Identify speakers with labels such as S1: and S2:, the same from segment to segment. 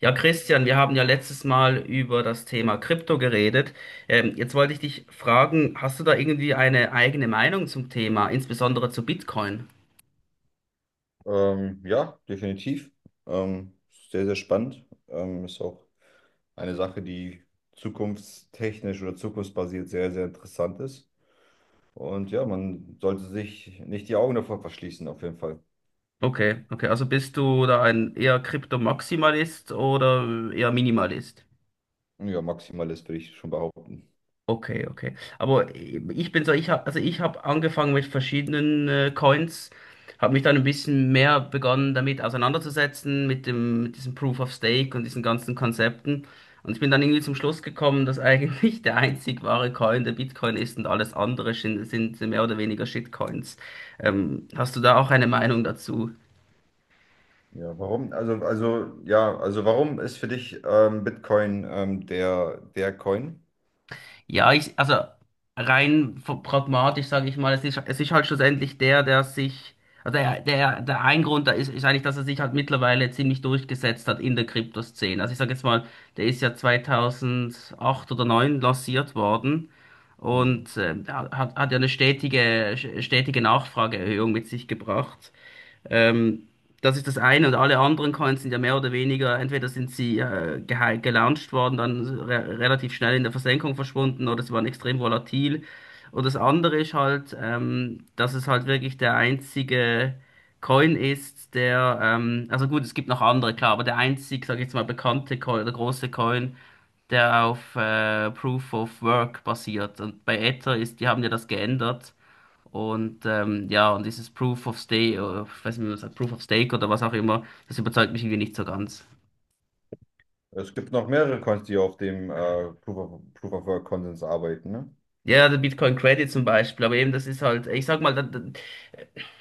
S1: Ja, Christian, wir haben ja letztes Mal über das Thema Krypto geredet. Jetzt wollte ich dich fragen, hast du da irgendwie eine eigene Meinung zum Thema, insbesondere zu Bitcoin?
S2: Ja, definitiv. Ähm, Sehr, sehr spannend. Ist auch eine Sache, die zukunftstechnisch oder zukunftsbasiert sehr, sehr interessant ist. Und ja, man sollte sich nicht die Augen davor verschließen, auf jeden Fall.
S1: Okay, okay, also bist du da ein eher Krypto-Maximalist oder eher Minimalist?
S2: Ja, Maximalist würde ich schon behaupten.
S1: Okay, okay. Aber ich bin so, also ich habe angefangen mit verschiedenen Coins, habe mich dann ein bisschen mehr begonnen damit auseinanderzusetzen mit diesem Proof of Stake und diesen ganzen Konzepten. Und ich bin dann irgendwie zum Schluss gekommen, dass eigentlich der einzig wahre Coin der Bitcoin ist und alles andere sind mehr oder weniger Shitcoins. Hast du da auch eine Meinung dazu?
S2: Ja, warum? Also warum ist für dich Bitcoin der Coin?
S1: Also rein pragmatisch sage ich mal, es ist halt schlussendlich der, der sich, also der, der, der ein Grund da ist, ist eigentlich, dass er sich halt mittlerweile ziemlich durchgesetzt hat in der Kryptoszene. Also ich sage jetzt mal, der ist ja 2008 oder neun lanciert worden
S2: Mhm.
S1: und hat ja eine stetige Nachfrageerhöhung mit sich gebracht. Ähm, das ist das eine, und alle anderen Coins sind ja mehr oder weniger, entweder sind sie gelauncht worden, dann re relativ schnell in der Versenkung verschwunden, oder sie waren extrem volatil. Und das andere ist halt, dass es halt wirklich der einzige Coin ist, also gut, es gibt noch andere, klar, aber sag ich jetzt mal, bekannte Coin, der große Coin, der auf Proof of Work basiert. Und bei Ether ist, die haben ja das geändert, und und dieses Proof of Stake, oder ich weiß nicht, wie man sagt, Proof of Stake oder was auch immer, das überzeugt mich irgendwie nicht so ganz.
S2: Es gibt noch mehrere Coins, die auf dem Proof of Work Konsens arbeiten, ne?
S1: Ja, der Bitcoin Credit zum Beispiel, aber eben das ist halt, ich sag mal,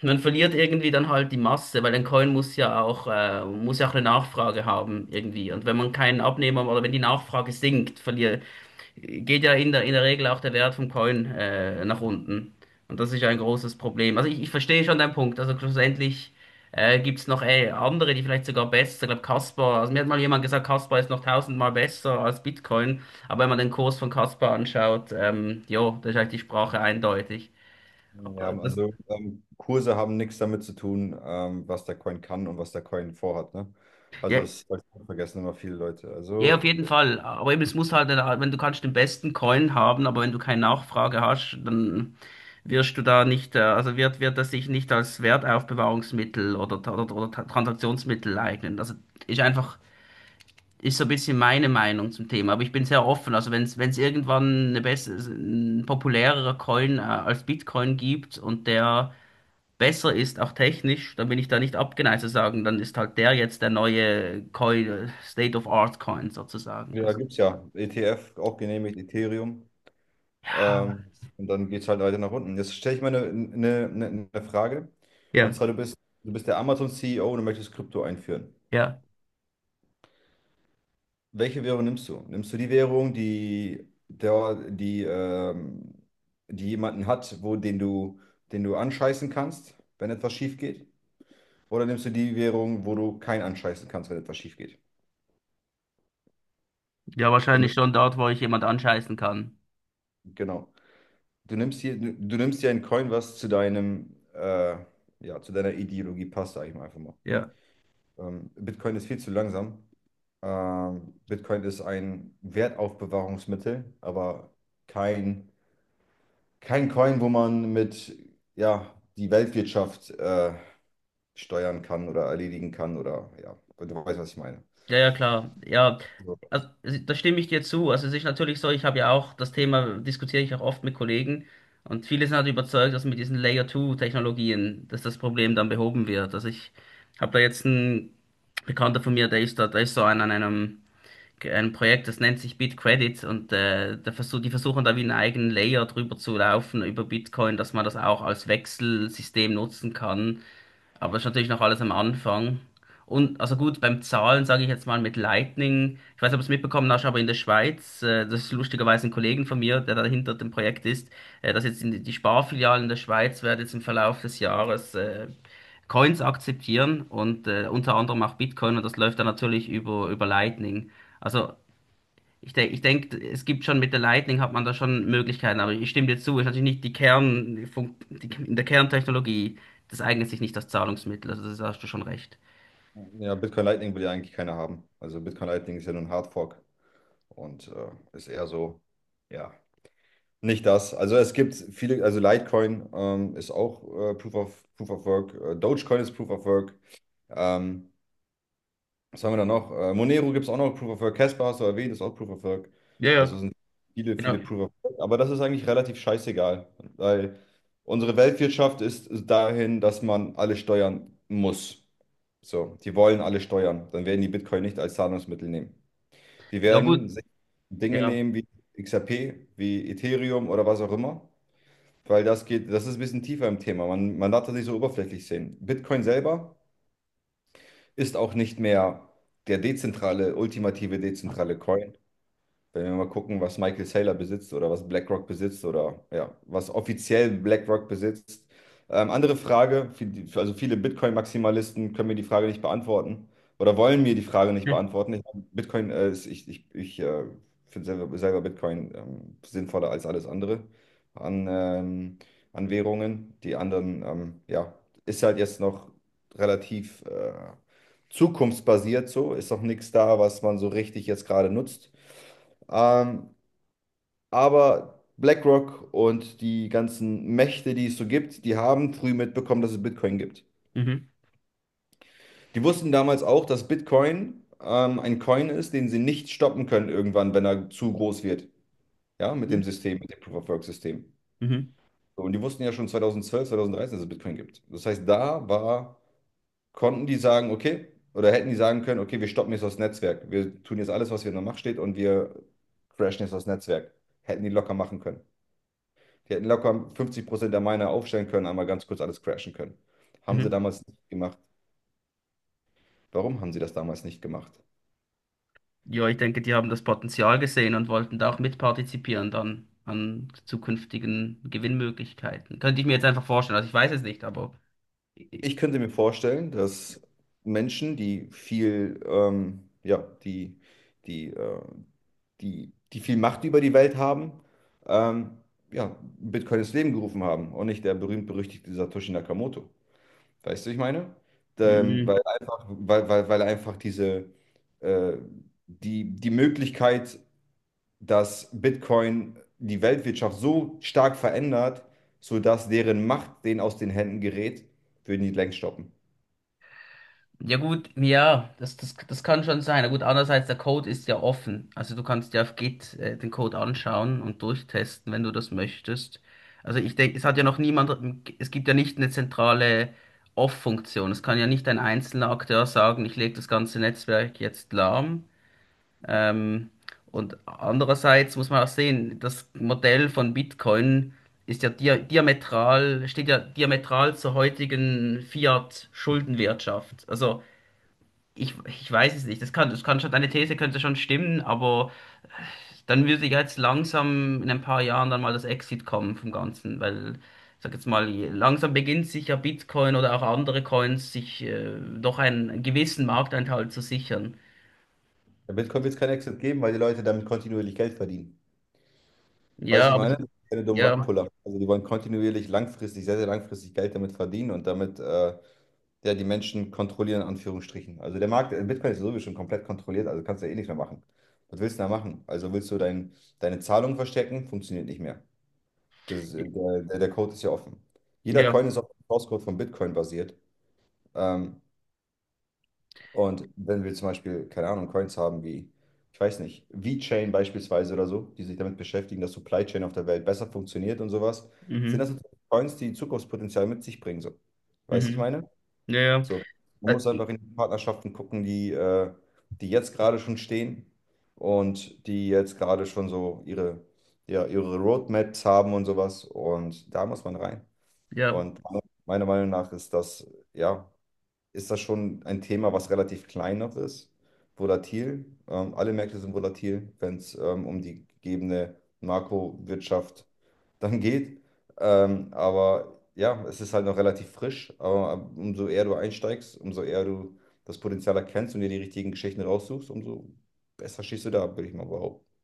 S1: man verliert irgendwie dann halt die Masse, weil ein Coin muss ja auch eine Nachfrage haben irgendwie. Und wenn man keinen Abnehmer, oder wenn die Nachfrage sinkt, geht ja in der Regel auch der Wert vom Coin nach unten. Und das ist ja ein großes Problem. Ich verstehe schon deinen Punkt. Also schlussendlich gibt es noch andere, die vielleicht sogar besser, ich glaube Caspar, also mir hat mal jemand gesagt, Caspar ist noch tausendmal besser als Bitcoin. Aber wenn man den Kurs von Caspar anschaut, jo, da ist eigentlich die Sprache eindeutig.
S2: Ja,
S1: Das,
S2: also Kurse haben nichts damit zu tun, was der Coin kann und was der Coin vorhat, ne? Also
S1: ja.
S2: das vergessen immer viele Leute.
S1: Ja, auf
S2: Also
S1: jeden Fall. Aber eben, es muss halt, wenn du kannst den besten Coin haben, aber wenn du keine Nachfrage hast, dann wirst du da nicht, wird das sich nicht als Wertaufbewahrungsmittel oder Transaktionsmittel eignen. Ist einfach, ist so ein bisschen meine Meinung zum Thema. Aber ich bin sehr offen. Also wenn es irgendwann eine bessere, ein populärerer Coin, als Bitcoin gibt, und der besser ist, auch technisch, dann bin ich da nicht abgeneigt zu sagen, dann ist halt der jetzt der neue Coin, State of Art Coin sozusagen.
S2: da
S1: Also,
S2: gibt es ja ETF, auch genehmigt, Ethereum.
S1: ja,
S2: Ähm, und dann geht es halt weiter nach unten. Jetzt stelle ich mal eine Frage. Und
S1: ja,
S2: zwar, du bist der Amazon-CEO und du möchtest Krypto einführen.
S1: ja.
S2: Welche Währung nimmst du? Nimmst du die Währung, die jemanden hat, den du anscheißen kannst, wenn etwas schief geht? Oder nimmst du die Währung, wo du keinen anscheißen kannst, wenn etwas schief geht?
S1: Ja,
S2: Wenn
S1: wahrscheinlich
S2: du-
S1: schon dort, wo ich jemand anscheißen kann.
S2: Genau. Du nimmst dir ein Coin, was zu deinem, ja, zu deiner Ideologie passt, sage ich mal einfach mal.
S1: Ja.
S2: Bitcoin ist viel zu langsam. Bitcoin ist ein Wertaufbewahrungsmittel, aber kein, kein Coin, wo man mit, ja, die Weltwirtschaft, steuern kann oder erledigen kann oder, ja, du weißt, was ich meine.
S1: Ja, ja, klar. Ja,
S2: So.
S1: also, da stimme ich dir zu. Also es ist natürlich so, ich habe ja auch das Thema, diskutiere ich auch oft mit Kollegen, und viele sind halt überzeugt, dass mit diesen Layer-2-Technologien, dass das Problem dann behoben wird. Also ich habe da jetzt einen Bekannter von mir, der ist so an einem ein Projekt, das nennt sich BitCredits, und die versuchen da wie einen eigenen Layer drüber zu laufen über Bitcoin, dass man das auch als Wechselsystem nutzen kann. Aber das ist natürlich noch alles am Anfang. Und also gut, beim Zahlen sage ich jetzt mal mit Lightning, ich weiß nicht, ob du es mitbekommen hast, aber in der Schweiz, das ist lustigerweise ein Kollegen von mir, der dahinter dem Projekt ist, dass jetzt die Sparfilialen der Schweiz werden jetzt im Verlauf des Jahres Coins akzeptieren und unter anderem auch Bitcoin, und das läuft dann natürlich über Lightning. Also ich denk, es gibt schon mit der Lightning hat man da schon Möglichkeiten, aber ich stimme dir zu, ist natürlich nicht die Kern, die, in der Kerntechnologie, das eignet sich nicht als Zahlungsmittel, also das hast du schon recht.
S2: Ja, Bitcoin Lightning will ja eigentlich keiner haben. Also Bitcoin Lightning ist ja nur ein Hardfork. Und ist eher so, ja, nicht das. Also es gibt viele, also Litecoin ist auch Proof of Work, Dogecoin ist Proof of Work. Ähm, Was haben wir da noch? Monero gibt es auch noch Proof of Work. Casper hast du erwähnt, ist auch Proof of Work.
S1: Ja,
S2: Also
S1: ja.
S2: sind viele,
S1: Genau.
S2: viele Proof of Work. Aber das ist eigentlich relativ scheißegal, weil unsere Weltwirtschaft ist dahin, dass man alle steuern muss. So, die wollen alle steuern. Dann werden die Bitcoin nicht als Zahlungsmittel nehmen. Die
S1: Ja, gut.
S2: werden sich Dinge
S1: Ja.
S2: nehmen wie XRP, wie Ethereum oder was auch immer, weil das geht, das ist ein bisschen tiefer im Thema. Man darf das nicht so oberflächlich sehen. Bitcoin selber ist auch nicht mehr der dezentrale, ultimative dezentrale Coin. Wenn wir mal gucken, was Michael Saylor besitzt oder was BlackRock besitzt oder ja, was offiziell BlackRock besitzt. Andere Frage, viele Bitcoin-Maximalisten können mir die Frage nicht beantworten oder wollen mir die Frage nicht
S1: Hm.
S2: beantworten. Ich, Bitcoin, ist, ich finde selber Bitcoin sinnvoller als alles andere an, an Währungen. Die anderen, ja, ist halt jetzt noch relativ zukunftsbasiert so, ist noch nichts da, was man so richtig jetzt gerade nutzt. Ähm, aber BlackRock und die ganzen Mächte, die es so gibt, die haben früh mitbekommen, dass es Bitcoin gibt.
S1: Mhm.
S2: Die wussten damals auch, dass Bitcoin ein Coin ist, den sie nicht stoppen können irgendwann, wenn er zu groß wird. Ja, mit dem
S1: Mhm.
S2: System, mit dem Proof-of-Work-System.
S1: Mhm.
S2: So, und die wussten ja schon 2012, 2013, dass es Bitcoin gibt. Das heißt, konnten die sagen, okay, oder hätten die sagen können, okay, wir stoppen jetzt das Netzwerk. Wir tun jetzt alles, was hier in der Macht steht und wir crashen jetzt das Netzwerk. Hätten die locker machen können. Die hätten locker 50% der Miner aufstellen können, einmal ganz kurz alles crashen können. Haben sie
S1: Mhm.
S2: damals nicht gemacht. Warum haben sie das damals nicht gemacht?
S1: Ja, ich denke, die haben das Potenzial gesehen und wollten da auch mitpartizipieren dann an zukünftigen Gewinnmöglichkeiten. Könnte ich mir jetzt einfach vorstellen. Also ich weiß es nicht, aber.
S2: Ich könnte mir vorstellen, dass Menschen, die viel, die, die, äh, die viel Macht über die Welt haben, ähm, ja, Bitcoin ins Leben gerufen haben und nicht der berühmt-berüchtigte Satoshi Nakamoto. Weißt du, was ich meine? Ähm,
S1: Mhm.
S2: weil einfach, weil, weil, weil er einfach diese, äh, die Möglichkeit, dass Bitcoin die Weltwirtschaft so stark verändert, sodass deren Macht denen aus den Händen gerät, würden die längst stoppen.
S1: Ja gut, ja, das kann schon sein. Na gut, andererseits, der Code ist ja offen. Also du kannst dir auf Git den Code anschauen und durchtesten, wenn du das möchtest. Also ich denke, es hat ja noch niemand, es gibt ja nicht eine zentrale Off-Funktion. Es kann ja nicht ein einzelner Akteur sagen, ich lege das ganze Netzwerk jetzt lahm. Ähm, und andererseits muss man auch sehen, das Modell von Bitcoin ist ja diametral, steht ja diametral zur heutigen Fiat-Schuldenwirtschaft. Ich weiß es nicht. Das kann schon, deine These könnte schon stimmen, aber dann würde ja jetzt langsam in ein paar Jahren dann mal das Exit kommen vom Ganzen, weil, ich sag jetzt mal, langsam beginnt sich ja Bitcoin oder auch andere Coins sich doch einen gewissen Markteinteil zu sichern.
S2: Bei Bitcoin wird es keinen Exit geben, weil die Leute damit kontinuierlich Geld verdienen. Weißt
S1: Ja,
S2: du, ich
S1: aber
S2: meine,
S1: die-
S2: das sind keine dummen
S1: ja,
S2: Rugpuller. Also die wollen kontinuierlich langfristig, sehr, sehr langfristig Geld damit verdienen und damit ja, die Menschen kontrollieren, in Anführungsstrichen. Also der Markt, Bitcoin ist sowieso schon komplett kontrolliert, also kannst du ja eh nichts mehr machen. Was willst du da machen? Also willst du deine Zahlung verstecken? Funktioniert nicht mehr. Das, der, der der Code ist ja offen. Jeder
S1: ja,
S2: Coin ist auf dem Source Code von Bitcoin basiert. Ähm, und wenn wir zum Beispiel, keine Ahnung, Coins haben wie, ich weiß nicht, VeChain beispielsweise oder so, die sich damit beschäftigen, dass Supply Chain auf der Welt besser funktioniert und sowas, sind
S1: mhm,
S2: das natürlich Coins, die Zukunftspotenzial mit sich bringen. So. Weißt du, ich
S1: mhm,
S2: meine?
S1: ja, ja.
S2: So. Man muss
S1: Äh,
S2: einfach in die Partnerschaften gucken, die jetzt gerade schon stehen und die jetzt gerade schon so ihre, ja, ihre Roadmaps haben und sowas. Und da muss man rein.
S1: ja,
S2: Und meiner Meinung nach ist das, ja, ist das schon ein Thema, was relativ klein noch ist, volatil. Alle Märkte sind volatil, wenn es um die gegebene Makrowirtschaft dann geht. Aber ja, es ist halt noch relativ frisch. Aber umso eher du einsteigst, umso eher du das Potenzial erkennst und dir die richtigen Geschichten raussuchst, umso besser stehst du da, würde ich mal behaupten.